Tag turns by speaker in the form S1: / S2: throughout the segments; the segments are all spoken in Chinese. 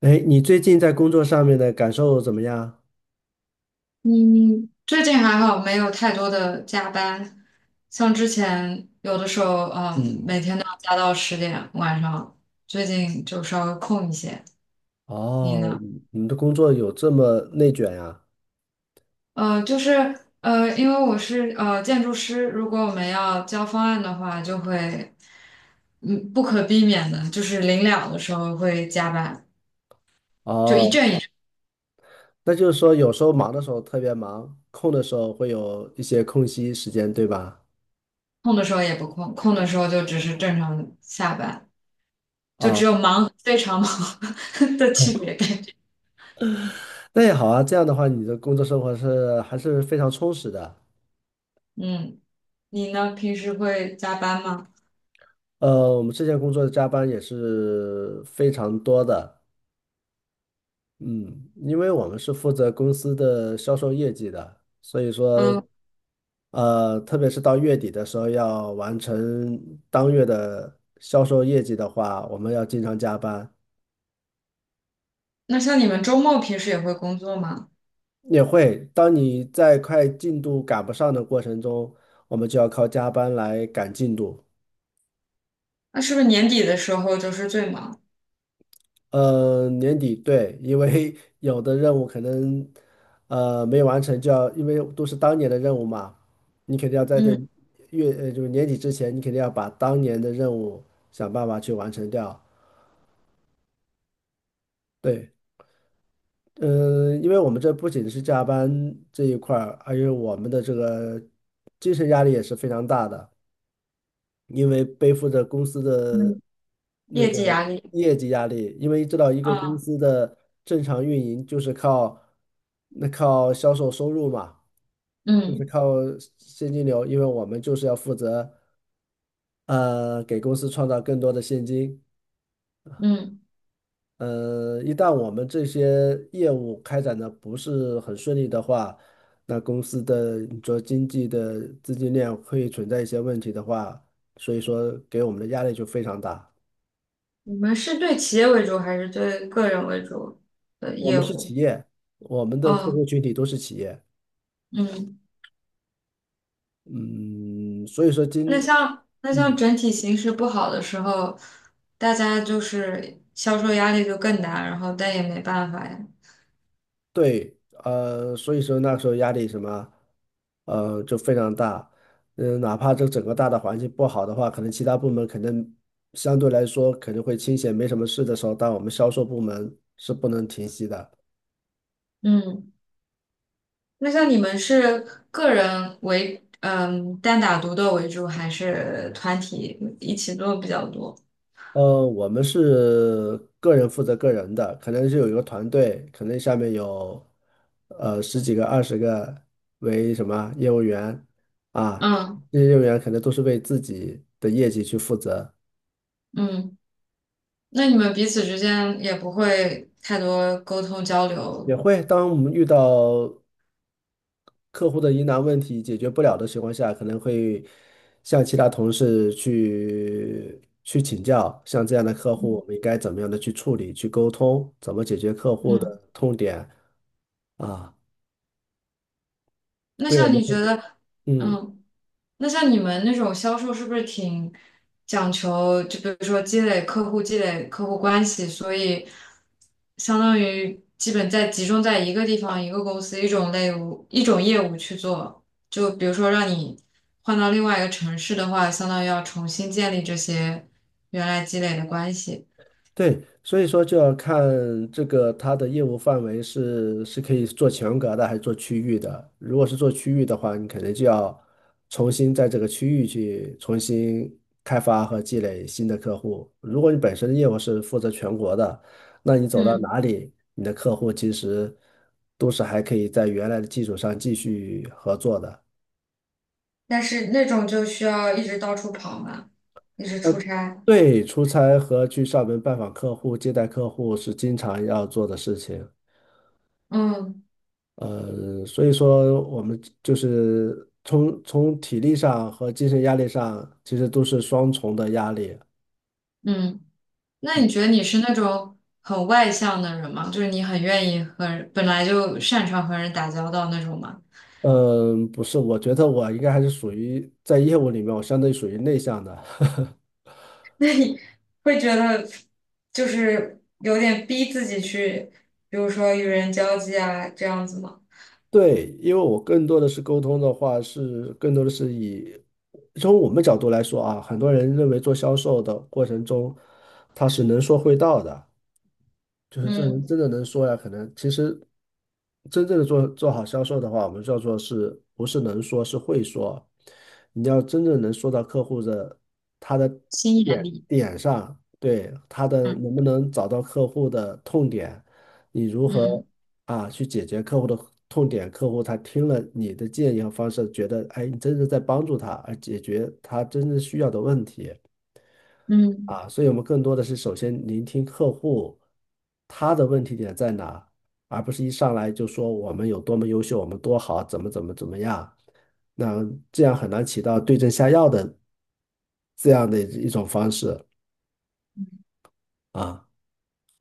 S1: 哎，你最近在工作上面的感受怎么样？
S2: 嗯，最近还好，没有太多的加班。像之前有的时候，
S1: 嗯，
S2: 每天都要加到10点晚上，最近就稍微空一些。你
S1: 哦，
S2: 呢？
S1: 你们的工作有这么内卷呀？
S2: 就是因为我是建筑师，如果我们要交方案的话，就会不可避免的，就是临了的时候会加班，就一
S1: 哦，
S2: 阵一阵，
S1: 那就是说有时候忙的时候特别忙，空的时候会有一些空隙时间，对吧？
S2: 空的时候也不空，空的时候就只是正常下班，就只
S1: 啊，
S2: 有忙和非常忙 的区别感觉。
S1: 那也好啊，这样的话你的工作生活是还是非常充实的。
S2: 嗯。你呢？平时会加班吗？
S1: 我们之前工作的加班也是非常多的，嗯，因为我们是负责公司的销售业绩的，所以说，
S2: 嗯，
S1: 特别是到月底的时候要完成当月的销售业绩的话，我们要经常加班，
S2: 那像你们周末平时也会工作吗？
S1: 也会。当你在快进度赶不上的过程中，我们就要靠加班来赶进度。
S2: 那是不是年底的时候就是最忙？
S1: 年底对，因为 有的任务可能没完成，就要因为都是当年的任务嘛，你肯定要在这
S2: 嗯
S1: 月就是年底之前，你肯定要把当年的任务想办法去完成掉。对，嗯、因为我们这不仅是加班这一块儿，还有我们的这个精神压力也是非常大的。因为背负着公司的
S2: 嗯，
S1: 那
S2: 业
S1: 个
S2: 绩压力。
S1: 业绩压力，因为知道一个公
S2: 啊，
S1: 司的正常运营就是靠那靠销售收入嘛，就是
S2: 嗯
S1: 靠现金流，因为我们就是要负责给公司创造更多的现金。
S2: 嗯，
S1: 一旦我们这些业务开展的不是很顺利的话，那公司的你说经济的资金链会存在一些问题的话，所以说给我们的压力就非常大。
S2: 你们是对企业为主还是对个人为主的
S1: 我们
S2: 业
S1: 是企
S2: 务？
S1: 业，我们的客
S2: 哦，
S1: 户群体都是企业，
S2: 嗯，
S1: 嗯，所以说
S2: 那
S1: 今，
S2: 像那像
S1: 嗯，
S2: 整体形势不好的时候，大家就是销售压力就更大，然后但也没办法呀。
S1: 对，所以说那时候压力什么，就非常大，嗯，哪怕这整个大的环境不好的话，可能其他部门可能相对来说可能会清闲，没什么事的时候，但我们销售部门是不能停息的。
S2: 嗯。那像你们是个人为，单打独斗为主，还是团体一起做比较多？
S1: 我们是个人负责个人的，可能是有一个团队，可能下面有十几个、二十个为什么业务员啊，
S2: 嗯
S1: 这些业务员可能都是为自己的业绩去负责，
S2: 嗯，那你们彼此之间也不会太多沟通交流。
S1: 也会当我们遇到客户的疑难问题解决不了的情况下，可能会向其他同事去请教，像这样的客户，我们应该怎么样的去处理、去沟通，怎么解决客户
S2: 嗯，
S1: 的痛点啊？
S2: 那
S1: 对我
S2: 像
S1: 们
S2: 你
S1: 会。
S2: 觉得，
S1: 嗯，
S2: 嗯。那像你们那种销售是不是挺讲求，就比如说积累客户、积累客户关系，所以相当于基本在集中在一个地方、一个公司、一种业务去做。就比如说让你换到另外一个城市的话，相当于要重新建立这些原来积累的关系。
S1: 对，所以说就要看这个它的业务范围是可以做全国的还是做区域的。如果是做区域的话，你肯定就要重新在这个区域去重新开发和积累新的客户。如果你本身的业务是负责全国的，那你走到
S2: 嗯，
S1: 哪里，你的客户其实都是还可以在原来的基础上继续合作的。
S2: 但是那种就需要一直到处跑嘛，一直出
S1: 呃，
S2: 差。
S1: 对，出差和去上门拜访客户、接待客户是经常要做的事情。
S2: 嗯
S1: 所以说我们就是从体力上和精神压力上，其实都是双重的压力。
S2: 嗯。那你觉得你是那种很外向的人吗？就是你很愿意和人本来就擅长和人打交道那种吗？
S1: 嗯，不是，我觉得我应该还是属于在业务里面，我相对属于内向的。
S2: 那你会觉得就是有点逼自己去，比如说与人交际啊，这样子吗？
S1: 对，因为我更多的是沟通的话，是更多的是以从我们角度来说啊，很多人认为做销售的过程中，他是能说会道的。就是这人
S2: 嗯，
S1: 真的能说呀，可能其实真正的做好销售的话，我们叫做是不是能说，是会说。你要真正能说到客户的他的
S2: 心眼
S1: 点
S2: 力。
S1: 点上，对他的能
S2: 嗯
S1: 不能找到客户的痛点，你如何
S2: 嗯
S1: 去解决客户的痛点，客户他听了你的建议和方式，觉得哎，你真的在帮助他，而解决他真正需要的问题。
S2: 嗯，
S1: 啊，所以我们更多的是首先聆听客户他的问题点在哪，而不是一上来就说我们有多么优秀，我们多好，怎么怎么怎么样，那这样很难起到对症下药的这样的一种方式啊。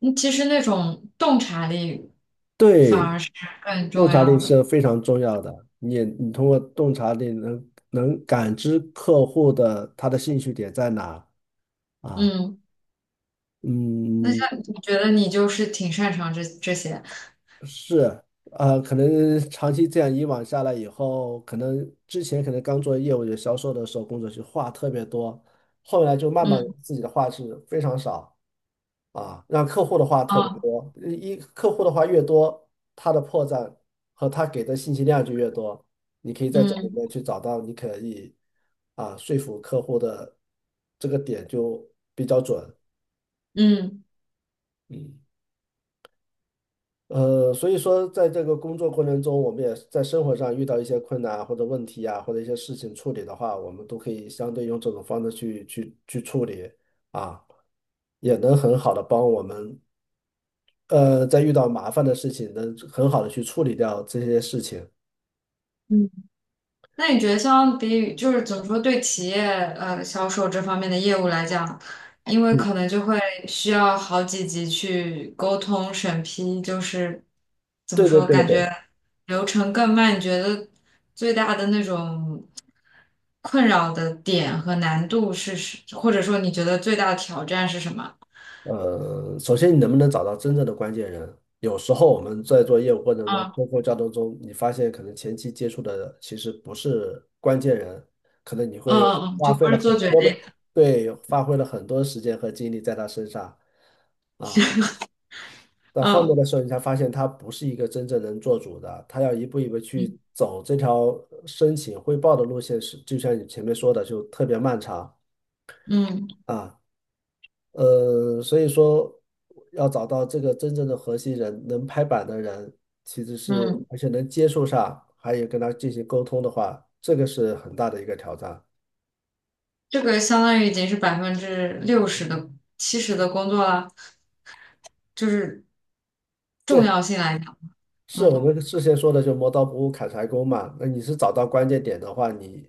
S2: 嗯其实那种洞察力反
S1: 对，
S2: 而是更重
S1: 洞察力
S2: 要的。
S1: 是非常重要的，你也你通过洞察力能感知客户的他的兴趣点在哪啊。
S2: 嗯，那
S1: 嗯，
S2: 像你觉得你就是挺擅长这些。
S1: 是，可能长期这样以往下来以后，可能之前可能刚做业务员销售的时候，工作就话特别多，后来就慢慢
S2: 嗯，
S1: 自己的话是非常少啊，让客户的话特别
S2: 啊
S1: 多，一客户的话越多，他的破绽和他给的信息量就越多，你可以在这里
S2: 嗯
S1: 面去找到你可以说服客户的这个点就比较准，
S2: 嗯
S1: 嗯。所以说，在这个工作过程中，我们也在生活上遇到一些困难或者问题啊，或者一些事情处理的话，我们都可以相对用这种方式去处理啊，也能很好的帮我们，在遇到麻烦的事情，能很好的去处理掉这些事情。
S2: 嗯。那你觉得相比于就是怎么说，对企业销售这方面的业务来讲，因为
S1: 嗯，
S2: 可能就会需要好几级去沟通审批，就是怎么
S1: 对对
S2: 说，
S1: 对
S2: 感觉
S1: 对。
S2: 流程更慢。你觉得最大的那种困扰的点和难度是，或者说你觉得最大的挑战是什么？
S1: 首先你能不能找到真正的关键人？有时候我们在做业务过程中，
S2: 嗯
S1: 包括交流中，你发现可能前期接触的其实不是关键人，可能你
S2: 嗯
S1: 会
S2: 嗯，嗯，
S1: 花
S2: 就
S1: 费
S2: 不
S1: 了
S2: 是
S1: 很
S2: 做决
S1: 多
S2: 定，
S1: 的，对，花费了很多时间和精力在他身上啊。到后面
S2: 嗯
S1: 的时候，你才发现他不是一个真正能做主的，他要一步一步去
S2: 嗯
S1: 走这条申请汇报的路线是，就像你前面说的，就特别漫长
S2: 嗯
S1: 啊。所以说要找到这个真正的核心人，能拍板的人，其实是
S2: 嗯，
S1: 而且能接受上，还有跟他进行沟通的话，这个是很大的一个挑战。
S2: 这个相当于已经是60%的、70%的工作了。就是重要
S1: 对，
S2: 性来讲，
S1: 是我
S2: 嗯
S1: 们之前说的，就磨刀不误砍柴工嘛。那你是找到关键点的话，你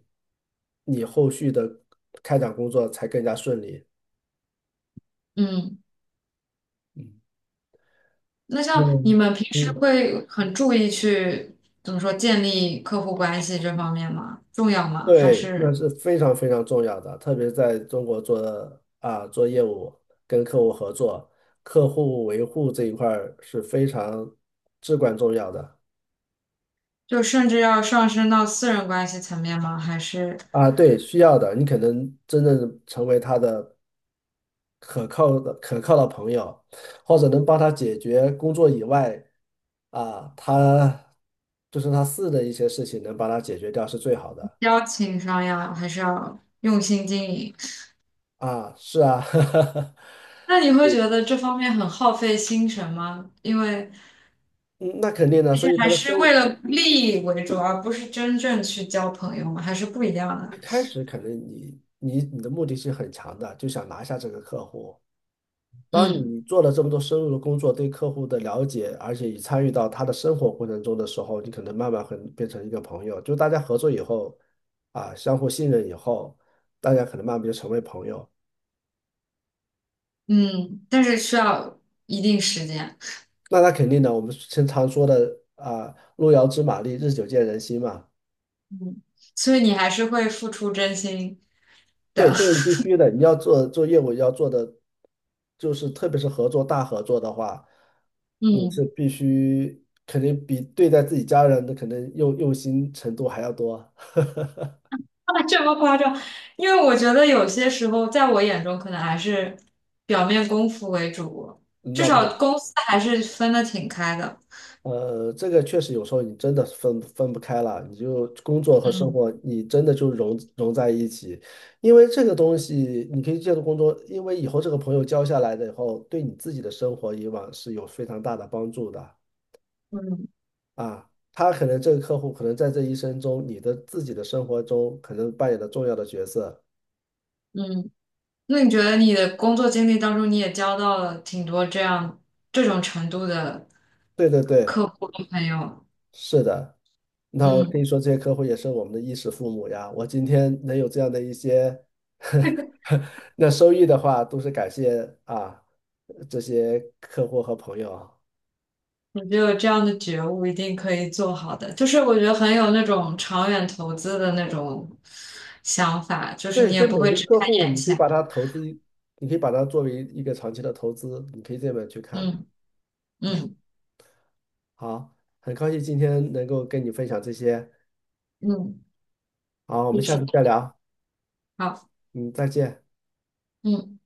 S1: 你后续的开展工作才更加顺利。
S2: 嗯，
S1: 嗯
S2: 那像你
S1: 嗯，
S2: 们平时
S1: 嗯
S2: 会很注意去怎么说建立客户关系这方面吗？重要吗？还
S1: 对，那
S2: 是
S1: 是非常非常重要的，特别是在中国做啊做业务，跟客户合作，客户维护这一块儿是非常至关重要的
S2: 就甚至要上升到私人关系层面吗？还是
S1: 啊。对，需要的，你可能真正成为他的可靠的朋友，或者能帮他解决工作以外啊，他就是他私人的一些事情能帮他解决掉是最好的
S2: 交情上呀？还是要用心经营？
S1: 啊。是啊，
S2: 那你会觉得这方面很耗费心神吗？因为
S1: 嗯，那肯定的，
S2: 毕
S1: 所
S2: 竟
S1: 以他
S2: 还
S1: 的
S2: 是为
S1: 收。
S2: 了利益为主，而不是真正去交朋友嘛，还是不一样的。
S1: 一开始可能你的目的性很强的，就想拿下这个客户。当
S2: 嗯
S1: 你做了这么多深入的工作，对客户的了解，而且也参与到他的生活过程中的时候，你可能慢慢会变成一个朋友。就大家合作以后，啊，相互信任以后，大家可能慢慢就成为朋友。
S2: 嗯，但是需要一定时间。
S1: 那他肯定的，我们经常说的啊，路遥知马力，日久见人心嘛。
S2: 嗯，所以你还是会付出真心
S1: 对，
S2: 的。
S1: 这个 必须的。你要做业务，要做的就是，特别是合作大合作的话，你
S2: 嗯，
S1: 是必须肯定比对待自己家人的肯定用心程度还要多。
S2: 啊这么夸张？因为我觉得有些时候，在我眼中，可能还是表面功夫为主，
S1: 嗯
S2: 至
S1: 那不是，
S2: 少公司还是分得挺开的。
S1: 呃，这个确实有时候你真的分不开了，你就工作和生
S2: 嗯
S1: 活，你真的就融在一起。因为这个东西，你可以借助工作，因为以后这个朋友交下来的以后，对你自己的生活以往是有非常大的帮助的。
S2: 嗯
S1: 啊，他可能这个客户可能在这一生中，你的自己的生活中可能扮演了重要的角色。
S2: 嗯。那你觉得你的工作经历当中，你也交到了挺多这样这种程度的
S1: 对对对，
S2: 客户和朋友？
S1: 是的。那可以
S2: 嗯。
S1: 说这些客户也是我们的衣食父母呀。我今天能有这样的一些 那收益的话，都是感谢啊这些客户和朋友啊。
S2: 我觉得有这样的觉悟，一定可以做好的。就是我觉得很有那种长远投资的那种想法，就是
S1: 对，
S2: 你
S1: 其
S2: 也
S1: 实
S2: 不
S1: 每
S2: 会
S1: 个
S2: 只
S1: 客
S2: 看
S1: 户，
S2: 眼
S1: 你可以
S2: 前。
S1: 把它投资，你可以把它作为一个长期的投资，你可以这么去看。
S2: 嗯
S1: 嗯，
S2: 嗯
S1: 好，很高兴今天能够跟你分享这些。
S2: 嗯，
S1: 好，我们
S2: 就
S1: 下
S2: 是
S1: 次再聊，
S2: 好，
S1: 嗯，再见。
S2: 嗯。